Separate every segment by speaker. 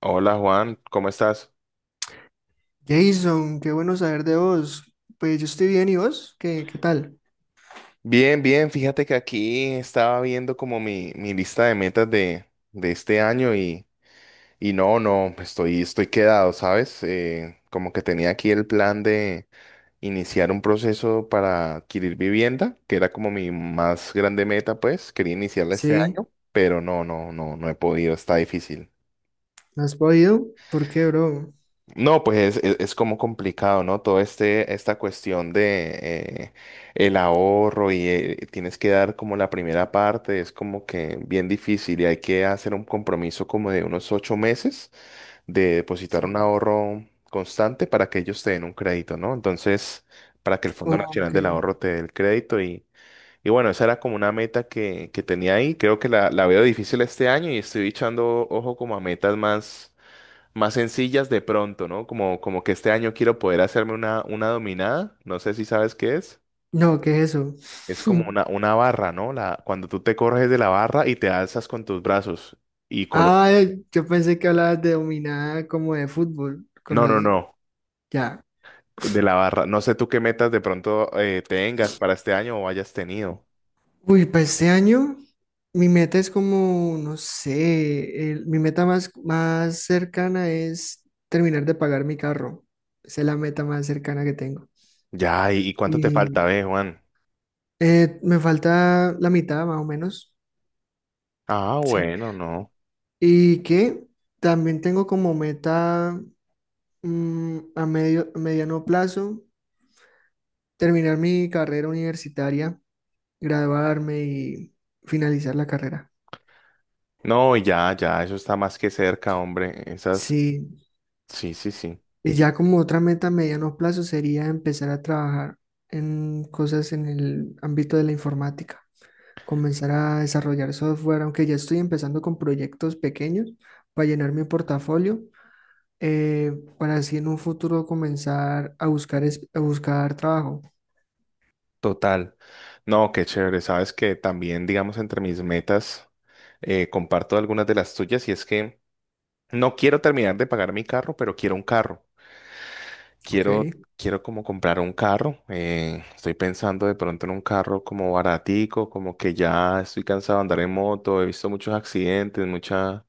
Speaker 1: Hola Juan, ¿cómo estás?
Speaker 2: Jason, qué bueno saber de vos. Pues yo estoy bien, ¿y vos? ¿Qué tal?
Speaker 1: Bien, bien, fíjate que aquí estaba viendo como mi lista de metas de este año y no, no, estoy quedado, ¿sabes? Como que tenía aquí el plan de iniciar un proceso para adquirir vivienda, que era como mi más grande meta, pues, quería iniciarla este
Speaker 2: Sí,
Speaker 1: año, pero no, no, no, no he podido, está difícil.
Speaker 2: ¿no has podido? ¿Por qué, bro?
Speaker 1: No, pues es como complicado, ¿no? Todo este, esta cuestión de el ahorro y tienes que dar como la primera parte, es como que bien difícil y hay que hacer un compromiso como de unos 8 meses de depositar un
Speaker 2: Sí.
Speaker 1: ahorro constante para que ellos te den un crédito, ¿no? Entonces, para que el Fondo Nacional
Speaker 2: Ok.
Speaker 1: del Ahorro te dé el crédito y bueno, esa era como una meta que tenía ahí. Creo que la veo difícil este año y estoy echando ojo como a metas más sencillas de pronto, ¿no? Como que este año quiero poder hacerme una dominada, no sé si sabes qué es.
Speaker 2: No, ¿qué es eso?
Speaker 1: Es como una barra, ¿no? La, cuando tú te corres de la barra y te alzas con tus brazos y
Speaker 2: Ah,
Speaker 1: colocas.
Speaker 2: yo pensé que hablabas de dominada como de fútbol con
Speaker 1: No, no,
Speaker 2: los...
Speaker 1: no,
Speaker 2: Ya.
Speaker 1: de la barra. No sé tú qué metas de pronto tengas para este año o hayas tenido.
Speaker 2: Uy, para este año mi meta es como, no sé, mi meta más cercana es terminar de pagar mi carro. Esa es la meta más cercana que tengo.
Speaker 1: Ya, ¿y cuánto te falta, ve, Juan?
Speaker 2: Me falta la mitad más o menos,
Speaker 1: Ah,
Speaker 2: sí.
Speaker 1: bueno, no.
Speaker 2: Y que también tengo como meta a a mediano plazo terminar mi carrera universitaria, graduarme y finalizar la carrera.
Speaker 1: No, ya, ya, eso está más que cerca, hombre. Esas,
Speaker 2: Sí.
Speaker 1: sí, sí, sí.
Speaker 2: Y ya como otra meta a mediano plazo sería empezar a trabajar en cosas en el ámbito de la informática, comenzar a desarrollar software, aunque ya estoy empezando con proyectos pequeños para llenar mi portafolio eh, para así en un futuro comenzar a buscar, a buscar trabajo,
Speaker 1: Total. No, qué chévere. Sabes que también, digamos, entre mis metas, comparto algunas de las tuyas y es que no quiero terminar de pagar mi carro, pero quiero un carro.
Speaker 2: ¿ok?
Speaker 1: Quiero, quiero como comprar un carro. Estoy pensando de pronto en un carro como baratico, como que ya estoy cansado de andar en moto. He visto muchos accidentes, mucha,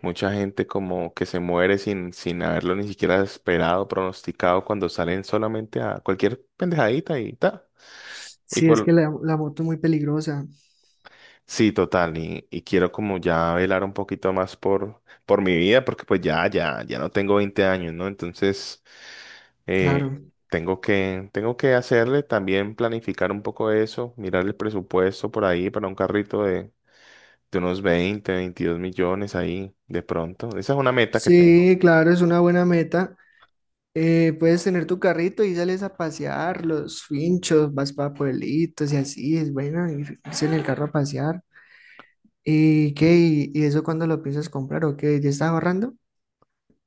Speaker 1: mucha gente como que se muere sin haberlo ni siquiera esperado, pronosticado, cuando salen solamente a cualquier pendejadita y ta y
Speaker 2: Sí, es que
Speaker 1: por
Speaker 2: la moto es muy peligrosa,
Speaker 1: Sí, total, y quiero como ya velar un poquito más por mi vida, porque pues ya, ya, ya no tengo 20 años, ¿no? Entonces, eh,
Speaker 2: claro.
Speaker 1: tengo que hacerle también planificar un poco eso, mirar el presupuesto por ahí para un carrito de unos 20, 22 millones ahí de pronto. Esa es una meta que tengo.
Speaker 2: Sí, claro, es una buena meta. Puedes tener tu carrito y sales a pasear los finchos, vas para pueblitos y así, es bueno irse en el carro a pasear. ¿Y qué? ¿Y eso cuándo lo piensas comprar o qué? ¿Ya estás ahorrando?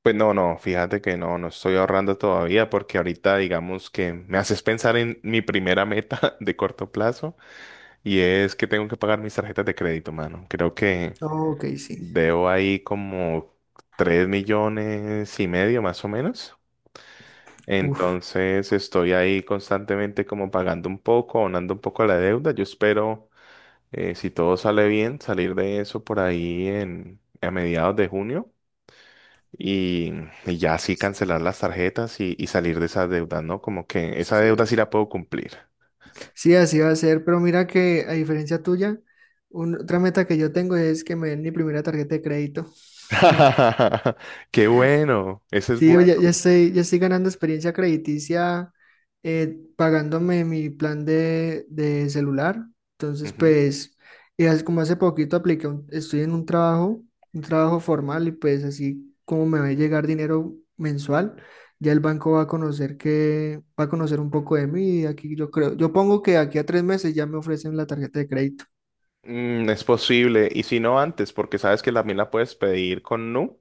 Speaker 1: Pues no, no, fíjate que no, no estoy ahorrando todavía porque ahorita digamos que me haces pensar en mi primera meta de corto plazo. Y es que tengo que pagar mis tarjetas de crédito, mano. Creo que
Speaker 2: Ok, sí.
Speaker 1: debo ahí como 3,5 millones más o menos.
Speaker 2: Uf.
Speaker 1: Entonces estoy ahí constantemente como pagando un poco, abonando un poco a la deuda. Yo espero, si todo sale bien, salir de eso por ahí a mediados de junio y, y ya así cancelar las tarjetas y salir de esa deuda, ¿no? Como que esa deuda sí
Speaker 2: Sí.
Speaker 1: la puedo cumplir.
Speaker 2: Sí, así va a ser, pero mira que a diferencia tuya, otra meta que yo tengo es que me den mi primera tarjeta de crédito.
Speaker 1: Qué bueno, ese es
Speaker 2: Sí, yo
Speaker 1: bueno.
Speaker 2: ya estoy, ya estoy ganando experiencia crediticia pagándome mi plan de celular. Entonces, pues, y como hace poquito apliqué, estoy en un trabajo formal y pues así como me va a llegar dinero mensual, ya el banco va a conocer que, va a conocer un poco de mí y aquí yo creo, yo pongo que aquí a 3 meses ya me ofrecen la tarjeta de crédito.
Speaker 1: Mm, es posible, y si no antes, porque sabes que también la puedes pedir con Nu.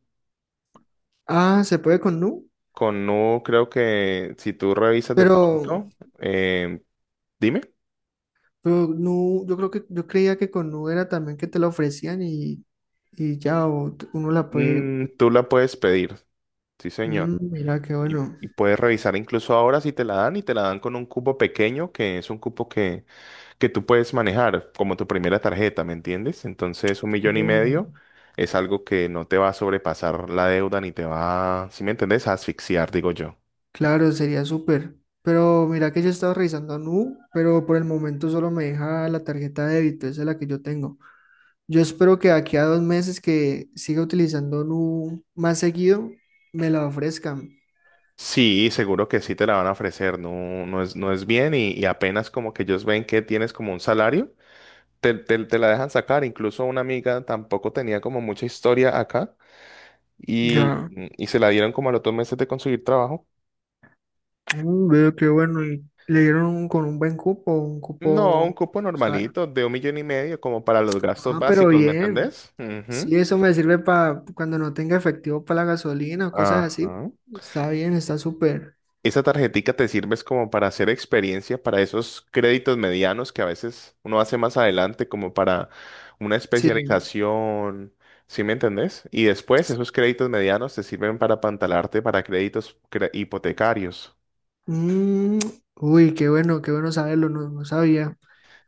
Speaker 2: Ah, se puede con Nu,
Speaker 1: Con Nu creo que si tú revisas de
Speaker 2: pero
Speaker 1: pronto, eh, dime.
Speaker 2: Nu, yo creo que yo creía que con Nu era también que te la ofrecían y ya o uno la puede.
Speaker 1: Mm, tú la puedes pedir, sí señor.
Speaker 2: Mm, mira qué
Speaker 1: Y,
Speaker 2: bueno.
Speaker 1: y puedes revisar incluso ahora si te la dan y te la dan con un cupo pequeño, que es un cupo que tú puedes manejar como tu primera tarjeta, ¿me entiendes? Entonces un millón y
Speaker 2: Uh,
Speaker 1: medio es algo que no te va a sobrepasar la deuda ni te va, si me entiendes, a asfixiar, digo yo.
Speaker 2: claro, sería súper. Pero mira que yo he estado revisando a Nu, pero por el momento solo me deja la tarjeta de débito, esa es la que yo tengo. Yo espero que de aquí a 2 meses que siga utilizando Nu más seguido, me la ofrezcan.
Speaker 1: Sí, seguro que sí te la van a ofrecer, no, no es bien y apenas como que ellos ven que tienes como un salario, te la dejan sacar. Incluso una amiga tampoco tenía como mucha historia acá y,
Speaker 2: Ya,
Speaker 1: y se la dieron como a los 2 meses de conseguir trabajo.
Speaker 2: mm, veo qué bueno. Y le dieron con un buen cupo, un
Speaker 1: No, un
Speaker 2: cupo,
Speaker 1: cupo
Speaker 2: ¿sabes?
Speaker 1: normalito de 1,5 millones como para los gastos
Speaker 2: Ah, pero
Speaker 1: básicos, ¿me
Speaker 2: bien.
Speaker 1: entendés? Ujú.
Speaker 2: Si eso me sirve para cuando no tenga efectivo para la gasolina o cosas así,
Speaker 1: Ajá.
Speaker 2: está bien, está súper.
Speaker 1: Esa tarjetica te sirve es como para hacer experiencia, para esos créditos medianos que a veces uno hace más adelante, como para una
Speaker 2: Sí.
Speaker 1: especialización, ¿sí me entendés? Y después esos créditos medianos te sirven para apantalarte para créditos hipotecarios.
Speaker 2: Mm, uy, qué bueno saberlo, no, no sabía.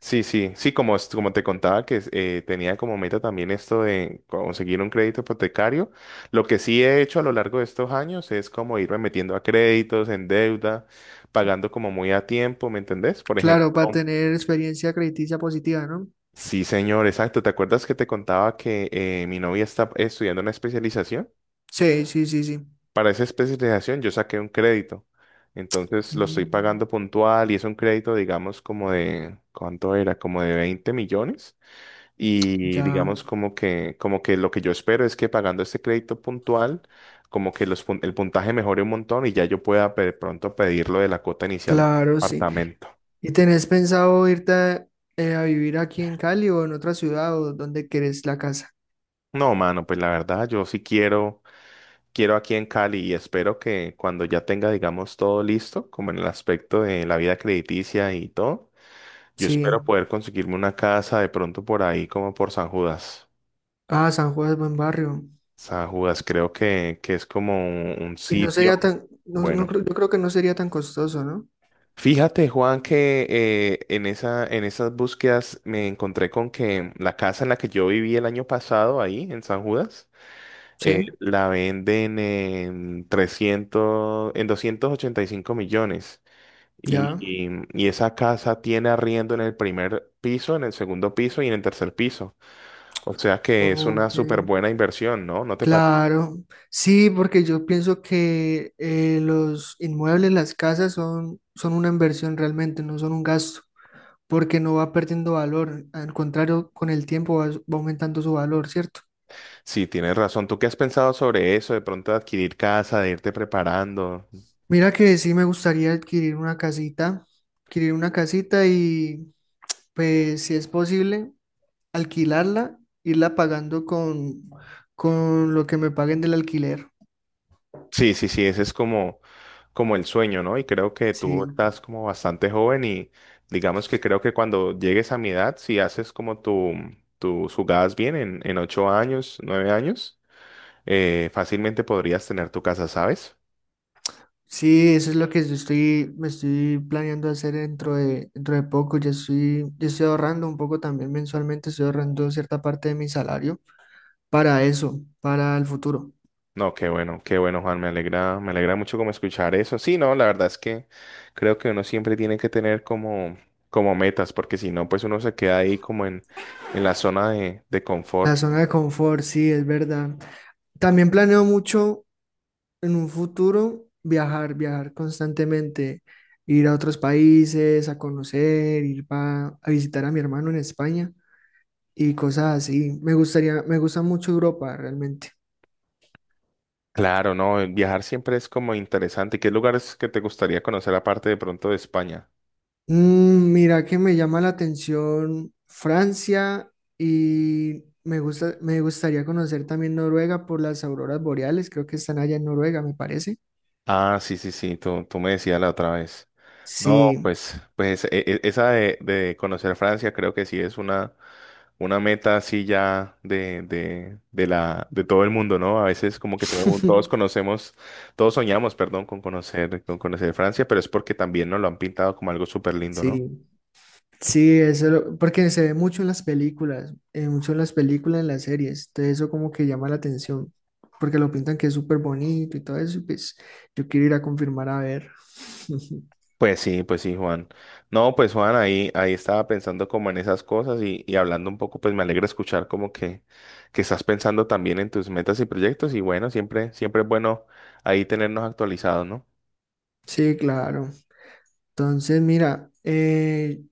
Speaker 1: Sí, sí, sí, como te contaba que tenía como meta también esto de conseguir un crédito hipotecario. Lo que sí he hecho a lo largo de estos años es como irme metiendo a créditos, en deuda, pagando como muy a tiempo, ¿me entendés? Por ejemplo.
Speaker 2: Claro, para tener experiencia crediticia positiva, ¿no?
Speaker 1: Sí, señor, exacto. ¿Te acuerdas que te contaba que mi novia está estudiando una especialización?
Speaker 2: Sí, sí, sí, sí.
Speaker 1: Para esa especialización yo saqué un crédito. Entonces lo estoy
Speaker 2: Mm,
Speaker 1: pagando puntual y es un crédito, digamos, como de, ¿cuánto era? Como de 20 millones. Y
Speaker 2: ya,
Speaker 1: digamos como que lo que yo espero es que pagando este crédito puntual, como que el puntaje mejore un montón y ya yo pueda de pronto pedir lo de la cuota inicial del
Speaker 2: claro, sí.
Speaker 1: apartamento.
Speaker 2: ¿Y tenés pensado irte a vivir aquí en Cali o en otra ciudad o donde querés la casa?
Speaker 1: No, mano, pues la verdad yo sí quiero aquí en Cali y espero que cuando ya tenga, digamos, todo listo, como en el aspecto de la vida crediticia y todo, yo espero
Speaker 2: Sí.
Speaker 1: poder conseguirme una casa de pronto por ahí, como por San Judas.
Speaker 2: Ah, San Juan es buen barrio.
Speaker 1: San Judas, creo que es como un
Speaker 2: Y no sería
Speaker 1: sitio.
Speaker 2: tan, no
Speaker 1: Bueno,
Speaker 2: creo- yo creo que no sería tan costoso, ¿no?
Speaker 1: fíjate, Juan, que en esa, en esas búsquedas me encontré con que la casa en la que yo viví el año pasado ahí en San Judas,
Speaker 2: Sí.
Speaker 1: la venden en 300 en 285 millones. Y,
Speaker 2: Ya,
Speaker 1: y- y esa casa tiene arriendo en el primer piso, en el segundo piso y en el tercer piso. O sea que es una
Speaker 2: ok,
Speaker 1: súper buena inversión, ¿no? ¿No te parece?
Speaker 2: claro. Sí, porque yo pienso que los inmuebles, las casas son una inversión realmente, no son un gasto, porque no va perdiendo valor. Al contrario, con el tiempo va aumentando su valor, ¿cierto?
Speaker 1: Sí, tienes razón. ¿Tú qué has pensado sobre eso? De pronto adquirir casa, de irte preparando.
Speaker 2: Mira que sí me gustaría adquirir una casita y pues si es posible, alquilarla, irla pagando con lo que me paguen del alquiler.
Speaker 1: Sí, sí, sí, ese es como el sueño, ¿no? Y creo que tú
Speaker 2: Sí.
Speaker 1: estás como bastante joven y digamos que creo que cuando llegues a mi edad, si haces como tu, tus jugadas bien en 8 años, 9 años, fácilmente podrías tener tu casa, ¿sabes?
Speaker 2: Sí, eso es lo que yo estoy, me estoy planeando hacer dentro de poco. Ya estoy ahorrando un poco también mensualmente, estoy ahorrando cierta parte de mi salario para eso, para el futuro.
Speaker 1: No, qué bueno, Juan, me alegra mucho como escuchar eso. Sí, no, la verdad es que creo que uno siempre tiene que tener como metas, porque si no, pues uno se queda ahí como en la zona de
Speaker 2: La
Speaker 1: confort.
Speaker 2: zona de confort, sí, es verdad. También planeo mucho en un futuro viajar, viajar constantemente, ir a otros países, a conocer, ir a visitar a mi hermano en España y cosas así. Me gustaría, me gusta mucho Europa realmente.
Speaker 1: Claro, no, el viajar siempre es como interesante. ¿Qué lugares que te gustaría conocer aparte de pronto de España?
Speaker 2: Mm, mira que me llama la atención Francia y me gusta, me gustaría conocer también Noruega por las auroras boreales, creo que están allá en Noruega, me parece.
Speaker 1: Ah, sí, sí, sí, tú me decías la otra vez. No,
Speaker 2: Sí,
Speaker 1: pues, esa de conocer Francia creo que sí es una meta así ya de todo el mundo, ¿no? A veces como que todos conocemos, todos soñamos, perdón, con conocer Francia, pero es porque también nos lo han pintado como algo súper lindo, ¿no?
Speaker 2: sí, sí, eso, porque se ve mucho en las películas, mucho en las películas, en las series, entonces eso como que llama la atención, porque lo pintan que es súper bonito y todo eso, y pues yo quiero ir a confirmar a ver.
Speaker 1: Pues sí, Juan. No, pues Juan, ahí estaba pensando como en esas cosas y hablando un poco, pues me alegra escuchar como que estás pensando también en tus metas y proyectos y bueno, siempre, siempre es bueno ahí tenernos actualizados, ¿no?
Speaker 2: Sí, claro. Entonces, mira,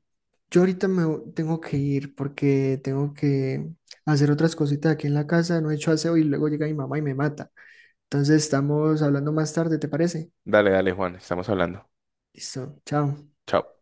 Speaker 2: yo ahorita tengo que ir porque tengo que hacer otras cositas aquí en la casa, no he hecho aseo y luego llega mi mamá y me mata. Entonces estamos hablando más tarde, ¿te parece?
Speaker 1: Dale, dale, Juan, estamos hablando.
Speaker 2: Listo, chao.
Speaker 1: Chao.